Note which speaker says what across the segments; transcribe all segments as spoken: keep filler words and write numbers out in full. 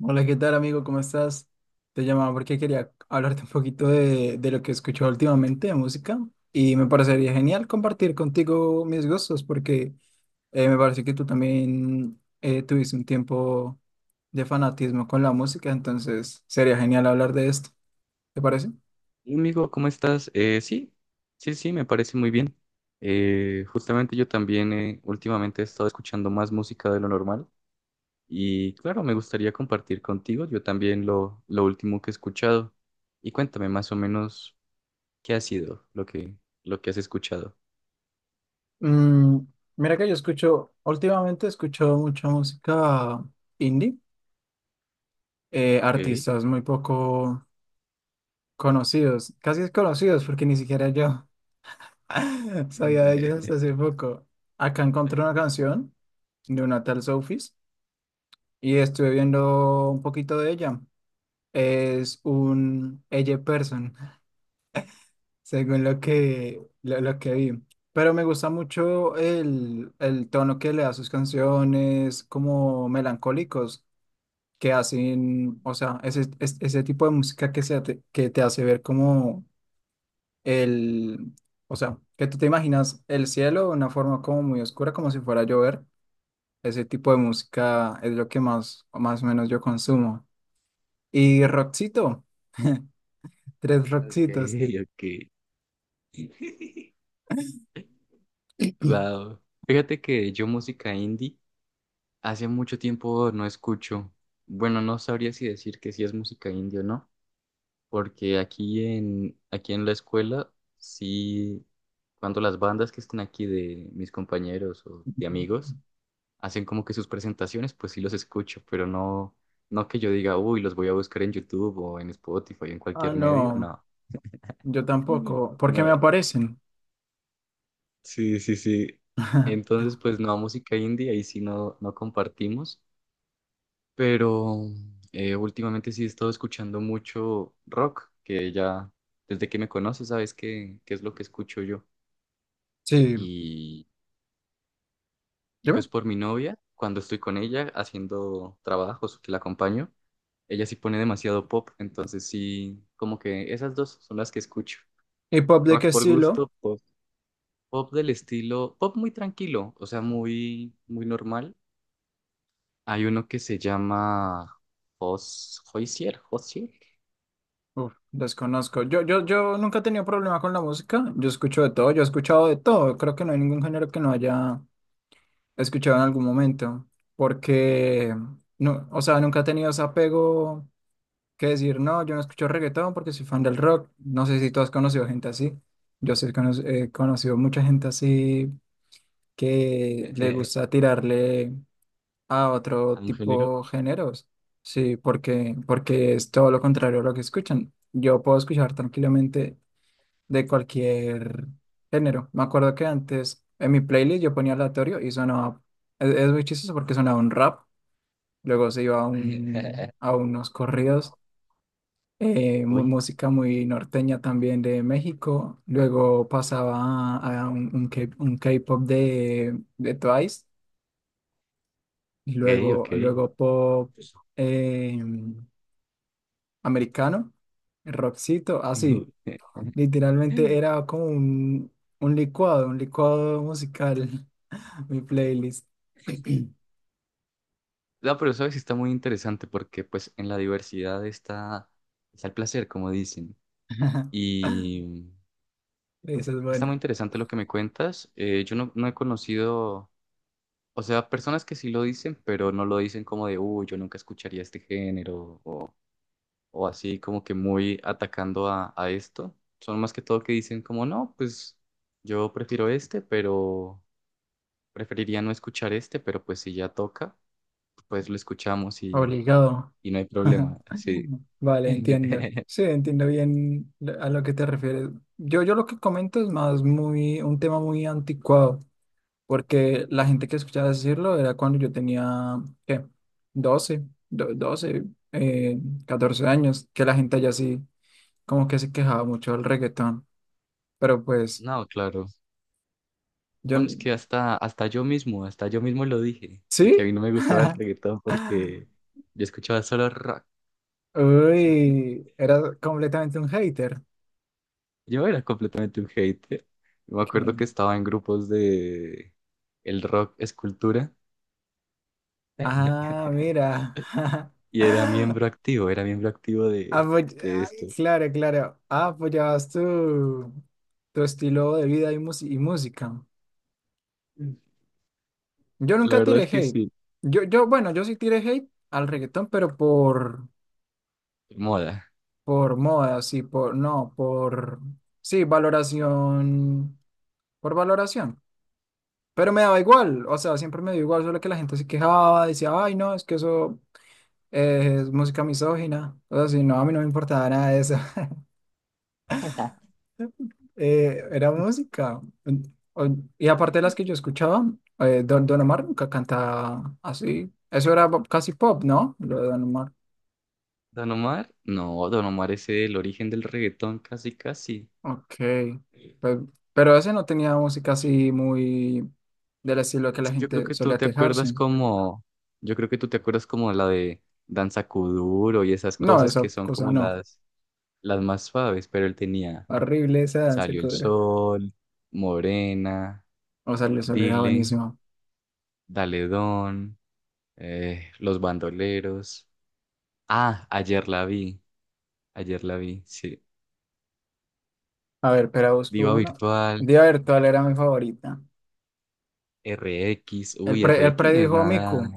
Speaker 1: Hola, ¿qué tal, amigo? ¿Cómo estás? Te llamaba porque quería hablarte un poquito de, de lo que he escuchado últimamente de música y me parecería genial compartir contigo mis gustos porque eh, me parece que tú también eh, tuviste un tiempo de fanatismo con la música. Entonces sería genial hablar de esto, ¿te parece?
Speaker 2: Hola, amigo, ¿cómo estás? Eh, sí, sí, sí, me parece muy bien. Eh, justamente yo también eh, últimamente he estado escuchando más música de lo normal. Y claro, me gustaría compartir contigo yo también lo, lo último que he escuchado. Y cuéntame más o menos qué ha sido lo que, lo que has escuchado.
Speaker 1: Mm, Mira que yo escucho, últimamente escucho mucha música indie. Eh,
Speaker 2: Ok.
Speaker 1: artistas muy poco conocidos, casi desconocidos, porque ni siquiera yo. Sabía de ellos hasta hace poco. Acá encontré una canción de una tal Sofis y estuve viendo un poquito de ella. Es un Elle person, según lo que, lo, lo que vi. Pero me gusta mucho el, el tono que le da a sus canciones, como melancólicos, que hacen, o sea, ese, es- ese tipo de música que, se, te- que te hace ver como el, o sea, que tú te imaginas el cielo de una forma como muy oscura, como si fuera a llover. Ese tipo de música es lo que más, más o menos yo consumo. Y rockcito, tres
Speaker 2: Ok,
Speaker 1: rockcitos.
Speaker 2: ok. Wow. Fíjate que yo música indie hace mucho tiempo no escucho. Bueno, no sabría si decir que sí es música indie o no, porque aquí en, aquí en la escuela, sí, cuando las bandas que están aquí de mis compañeros o de amigos hacen como que sus presentaciones, pues sí los escucho, pero no, no que yo diga, uy, los voy a buscar en YouTube o en Spotify o en
Speaker 1: Ah,
Speaker 2: cualquier medio,
Speaker 1: no,
Speaker 2: no.
Speaker 1: yo
Speaker 2: Mm.
Speaker 1: tampoco, porque
Speaker 2: No.
Speaker 1: me aparecen.
Speaker 2: Sí, sí, sí. Entonces, pues no, música indie, ahí sí no, no compartimos, pero eh, últimamente sí he estado escuchando mucho rock, que ya desde que me conoces sabes qué, qué es lo que escucho yo.
Speaker 1: Sí,
Speaker 2: Y, y
Speaker 1: dime.
Speaker 2: pues por mi novia, cuando estoy con ella haciendo trabajos que la acompaño, ella sí pone demasiado pop, entonces sí, como que esas dos son las que escucho.
Speaker 1: ¿Y pop de qué
Speaker 2: Rock por
Speaker 1: estilo?
Speaker 2: gusto, pop, pop del estilo, pop muy tranquilo, o sea, muy, muy normal. Hay uno que se llama Jos- Hoisier, Hoisier.
Speaker 1: Uf, desconozco. Yo, yo, yo nunca he tenido problema con la música. Yo escucho de todo, yo he escuchado de todo. Creo que no hay ningún género que no haya escuchado en algún momento, porque no, o sea, nunca he tenido ese apego, que decir, no, yo no escucho reggaetón porque soy fan del rock. No sé si tú has conocido gente así. Yo sí cono- he conocido mucha gente así que le gusta tirarle a otro
Speaker 2: A un género.
Speaker 1: tipo de géneros. Sí, porque, porque, es todo lo contrario a lo que escuchan. Yo puedo escuchar tranquilamente de cualquier género. Me acuerdo que antes en mi playlist yo ponía aleatorio y sonaba, es, es muy chistoso porque sonaba un rap, luego se iba a, un, a unos corridos, eh, mu-
Speaker 2: Uy,
Speaker 1: música muy norteña también de México, luego pasaba a, a un, un K- un K-pop de, de Twice y
Speaker 2: ok,
Speaker 1: luego,
Speaker 2: ok.
Speaker 1: luego pop eh, americano, rockcito, así, literalmente era como un, un licuado, un licuado musical. Mi playlist.
Speaker 2: No, pero sabes, está muy interesante porque pues en la diversidad está, está el placer, como dicen. Y
Speaker 1: Esa es
Speaker 2: está muy
Speaker 1: buena.
Speaker 2: interesante lo que me cuentas. Eh, yo no, no he conocido, o sea, personas que sí lo dicen, pero no lo dicen como de, uy, yo nunca escucharía este género o, o así como que muy atacando a, a esto. Son más que todo que dicen como, no, pues yo prefiero este, pero preferiría no escuchar este, pero pues si ya toca, pues lo escuchamos y,
Speaker 1: Obligado.
Speaker 2: y no hay problema. Sí.
Speaker 1: Vale, entiendo. Sí, entiendo bien lo- a lo que te refieres. Yo, yo lo que comento es más muy, un tema muy anticuado, porque la gente que escuchaba decirlo era cuando yo tenía, ¿qué? doce, do- doce eh, catorce años, que la gente allá sí, como que se quejaba mucho del reggaetón. Pero pues,
Speaker 2: No, claro.
Speaker 1: yo,
Speaker 2: Bueno, es
Speaker 1: n-
Speaker 2: que hasta, hasta yo mismo, hasta yo mismo lo dije, de que a
Speaker 1: ¿sí?
Speaker 2: mí no me gustaba el reggaetón porque yo escuchaba solo rock.
Speaker 1: Uy, era completamente un hater.
Speaker 2: Yo era completamente un hater. Yo me acuerdo que
Speaker 1: que-
Speaker 2: estaba en grupos de "el rock es cultura"
Speaker 1: Ah, mira.
Speaker 2: y era miembro activo, era miembro activo de,
Speaker 1: Apoy-
Speaker 2: de
Speaker 1: Ay,
Speaker 2: esto.
Speaker 1: claro, claro. Ah, apoyabas tu, tu estilo de vida y, mus- y música. Yo
Speaker 2: La
Speaker 1: nunca
Speaker 2: verdad
Speaker 1: tiré
Speaker 2: es que
Speaker 1: hate.
Speaker 2: sí,
Speaker 1: Yo, yo, bueno, yo sí tiré hate al reggaetón, pero por,
Speaker 2: moda.
Speaker 1: por moda, sí, por, no, por, sí, valoración, por valoración. Pero me daba igual, o sea, siempre me dio igual, solo que la gente se quejaba, decía, ay, no, es que eso eh, es música misógina. O sea, si no, a mí no me importaba nada de eso. Eh, era música. O- Y aparte de las que yo escuchaba, eh, Don, Don Omar nunca cantaba así. Eso era bo- casi pop, ¿no? Lo de Don Omar.
Speaker 2: Don Omar, no, Don Omar es el origen del reggaetón, casi, casi.
Speaker 1: Ok. Pues, pero ese no tenía música así muy del estilo que
Speaker 2: Es
Speaker 1: la
Speaker 2: que yo creo
Speaker 1: gente
Speaker 2: que tú
Speaker 1: solía
Speaker 2: te acuerdas
Speaker 1: quejarse.
Speaker 2: como, yo creo que tú te acuerdas como la de Danza Kuduro y esas
Speaker 1: No,
Speaker 2: cosas que
Speaker 1: esa
Speaker 2: son
Speaker 1: cosa
Speaker 2: como
Speaker 1: no.
Speaker 2: las, las más suaves, pero él tenía
Speaker 1: Horrible esa danza
Speaker 2: Salió el
Speaker 1: cobra.
Speaker 2: Sol, Morena,
Speaker 1: O sea, le solía
Speaker 2: Dile,
Speaker 1: buenísimo.
Speaker 2: Dale Don, eh, Los Bandoleros. Ah, ayer la vi, ayer la vi, sí.
Speaker 1: A ver, pero busco
Speaker 2: Diva
Speaker 1: una.
Speaker 2: Virtual,
Speaker 1: Debe haber, ¿cuál era mi favorita?
Speaker 2: R X,
Speaker 1: Él,
Speaker 2: uy, R
Speaker 1: pre- él
Speaker 2: X no es
Speaker 1: predijo a
Speaker 2: nada.
Speaker 1: Miku.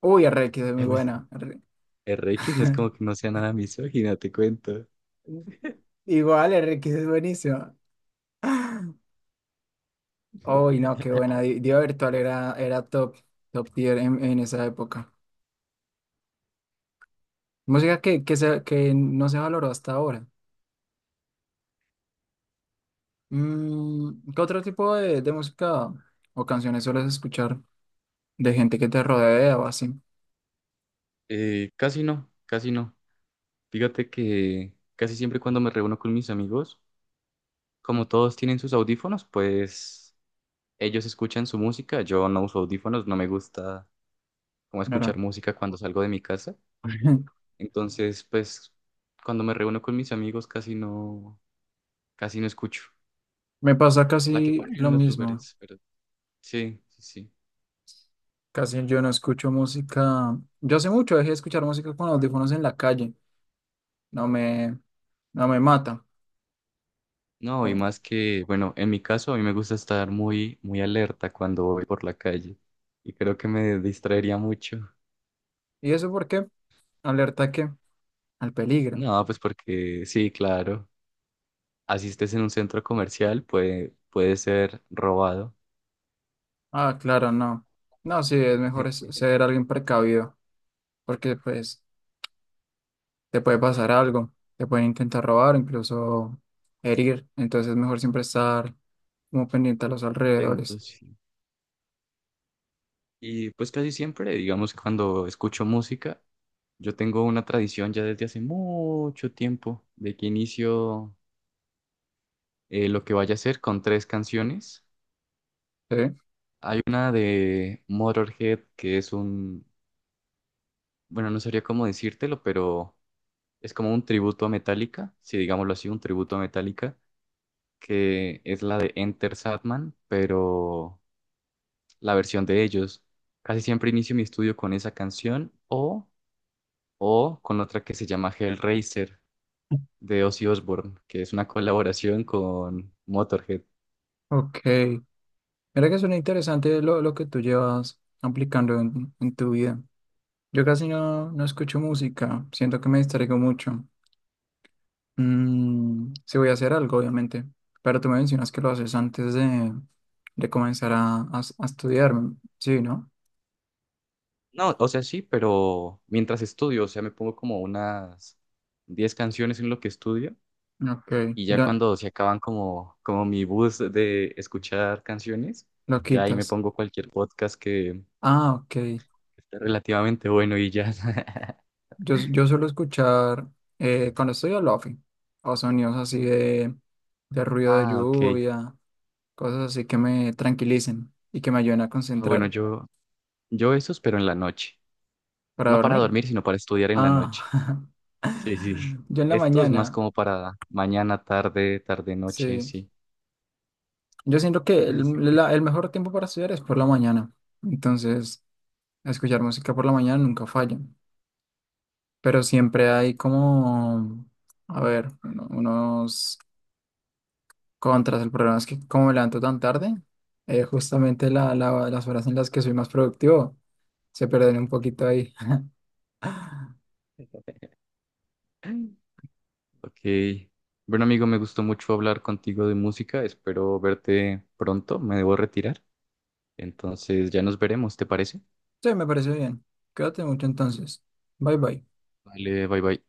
Speaker 1: Uy, R X es muy buena. R-
Speaker 2: R X no es como que no sea nada misógina, te cuento.
Speaker 1: Igual, R X es buenísima. Uy, no, qué buena. Di- Diva Virtual era, era top, top tier en, en esa época. Música que, que, se- que no se valoró hasta ahora. Mm, ¿qué otro tipo de, de música o canciones sueles escuchar de gente que te rodea o así?
Speaker 2: Eh, casi no, casi no. Fíjate que casi siempre cuando me reúno con mis amigos, como todos tienen sus audífonos, pues ellos escuchan su música. Yo no uso audífonos, no me gusta como escuchar
Speaker 1: Claro.
Speaker 2: música cuando salgo de mi casa. Entonces, pues cuando me reúno con mis amigos casi no, casi no escucho.
Speaker 1: Me pasa
Speaker 2: La que
Speaker 1: casi
Speaker 2: ponen
Speaker 1: lo
Speaker 2: en los
Speaker 1: mismo.
Speaker 2: lugares, pero sí, sí, sí.
Speaker 1: Casi yo no escucho música. Yo hace mucho dejé de escuchar música con audífonos en la calle. no me, no me mata.
Speaker 2: No, y
Speaker 1: Como,
Speaker 2: más que, bueno, en mi caso a mí me gusta estar muy, muy alerta cuando voy por la calle y creo que me distraería mucho.
Speaker 1: ¿Y eso por qué? Alerta a qué, al peligro.
Speaker 2: No, pues porque sí, claro, asistes en un centro comercial, puede, puede ser robado.
Speaker 1: Ah, claro, no. No, sí, es mejor es- ser alguien precavido, porque pues te puede pasar algo, te pueden intentar robar, incluso herir. Entonces es mejor siempre estar como pendiente a los alrededores.
Speaker 2: Atentos. Sí. Y pues casi siempre, digamos, cuando escucho música, yo tengo una tradición ya desde hace mucho tiempo de que inicio eh, lo que vaya a hacer con tres canciones.
Speaker 1: ¿Sí?
Speaker 2: Hay una de Motorhead, que es un. Bueno, no sabría cómo decírtelo, pero es como un tributo a Metallica, si digámoslo así, un tributo a Metallica, que es la de Enter Sandman, pero la versión de ellos. Casi siempre inicio mi estudio con esa canción o, o con otra que se llama Hellraiser de Ozzy Osbourne, que es una colaboración con Motorhead.
Speaker 1: Ok. Mira que suena interesante lo, lo que tú llevas aplicando en, en tu vida. Yo casi no, no escucho música, siento que me distraigo mucho. Mm, sí voy a hacer algo, obviamente, pero tú me mencionas que lo haces antes de, de comenzar a, a- a estudiar, mm, sí, ¿no?
Speaker 2: No, o sea, sí, pero mientras estudio, o sea, me pongo como unas diez canciones en lo que estudio.
Speaker 1: Ok,
Speaker 2: Y ya
Speaker 1: ya
Speaker 2: cuando se acaban como, como mi bus de escuchar canciones,
Speaker 1: lo
Speaker 2: ya ahí me
Speaker 1: quitas.
Speaker 2: pongo cualquier podcast que
Speaker 1: Ah, ok.
Speaker 2: esté relativamente bueno y ya.
Speaker 1: Yo, yo suelo escuchar eh, cuando estoy al lofi o sonidos así de, de ruido de
Speaker 2: Ah, ok.
Speaker 1: lluvia, cosas así que me tranquilicen y que me ayuden a
Speaker 2: Ah, bueno,
Speaker 1: concentrar
Speaker 2: yo, yo esos, pero en la noche.
Speaker 1: para
Speaker 2: No para
Speaker 1: dormir.
Speaker 2: dormir, sino para estudiar en la noche.
Speaker 1: Ah,
Speaker 2: Sí, sí.
Speaker 1: yo en la
Speaker 2: Esto es más
Speaker 1: mañana,
Speaker 2: como para mañana, tarde, tarde, noche,
Speaker 1: sí.
Speaker 2: sí.
Speaker 1: Yo siento que el, la- el mejor tiempo para estudiar es por la mañana. Entonces, escuchar música por la mañana nunca falla. Pero siempre hay como, a ver, uno- unos contras. El problema es que como me levanto tan tarde, eh, justamente la, la- las horas en las que soy más productivo se pierden un poquito ahí.
Speaker 2: Sí. Ok. Bueno, amigo, me gustó mucho hablar contigo de música. Espero verte pronto. Me debo retirar. Entonces ya nos veremos, ¿te parece?
Speaker 1: Sí, me parece bien. Cuídate mucho entonces. Bye bye.
Speaker 2: Vale, bye bye.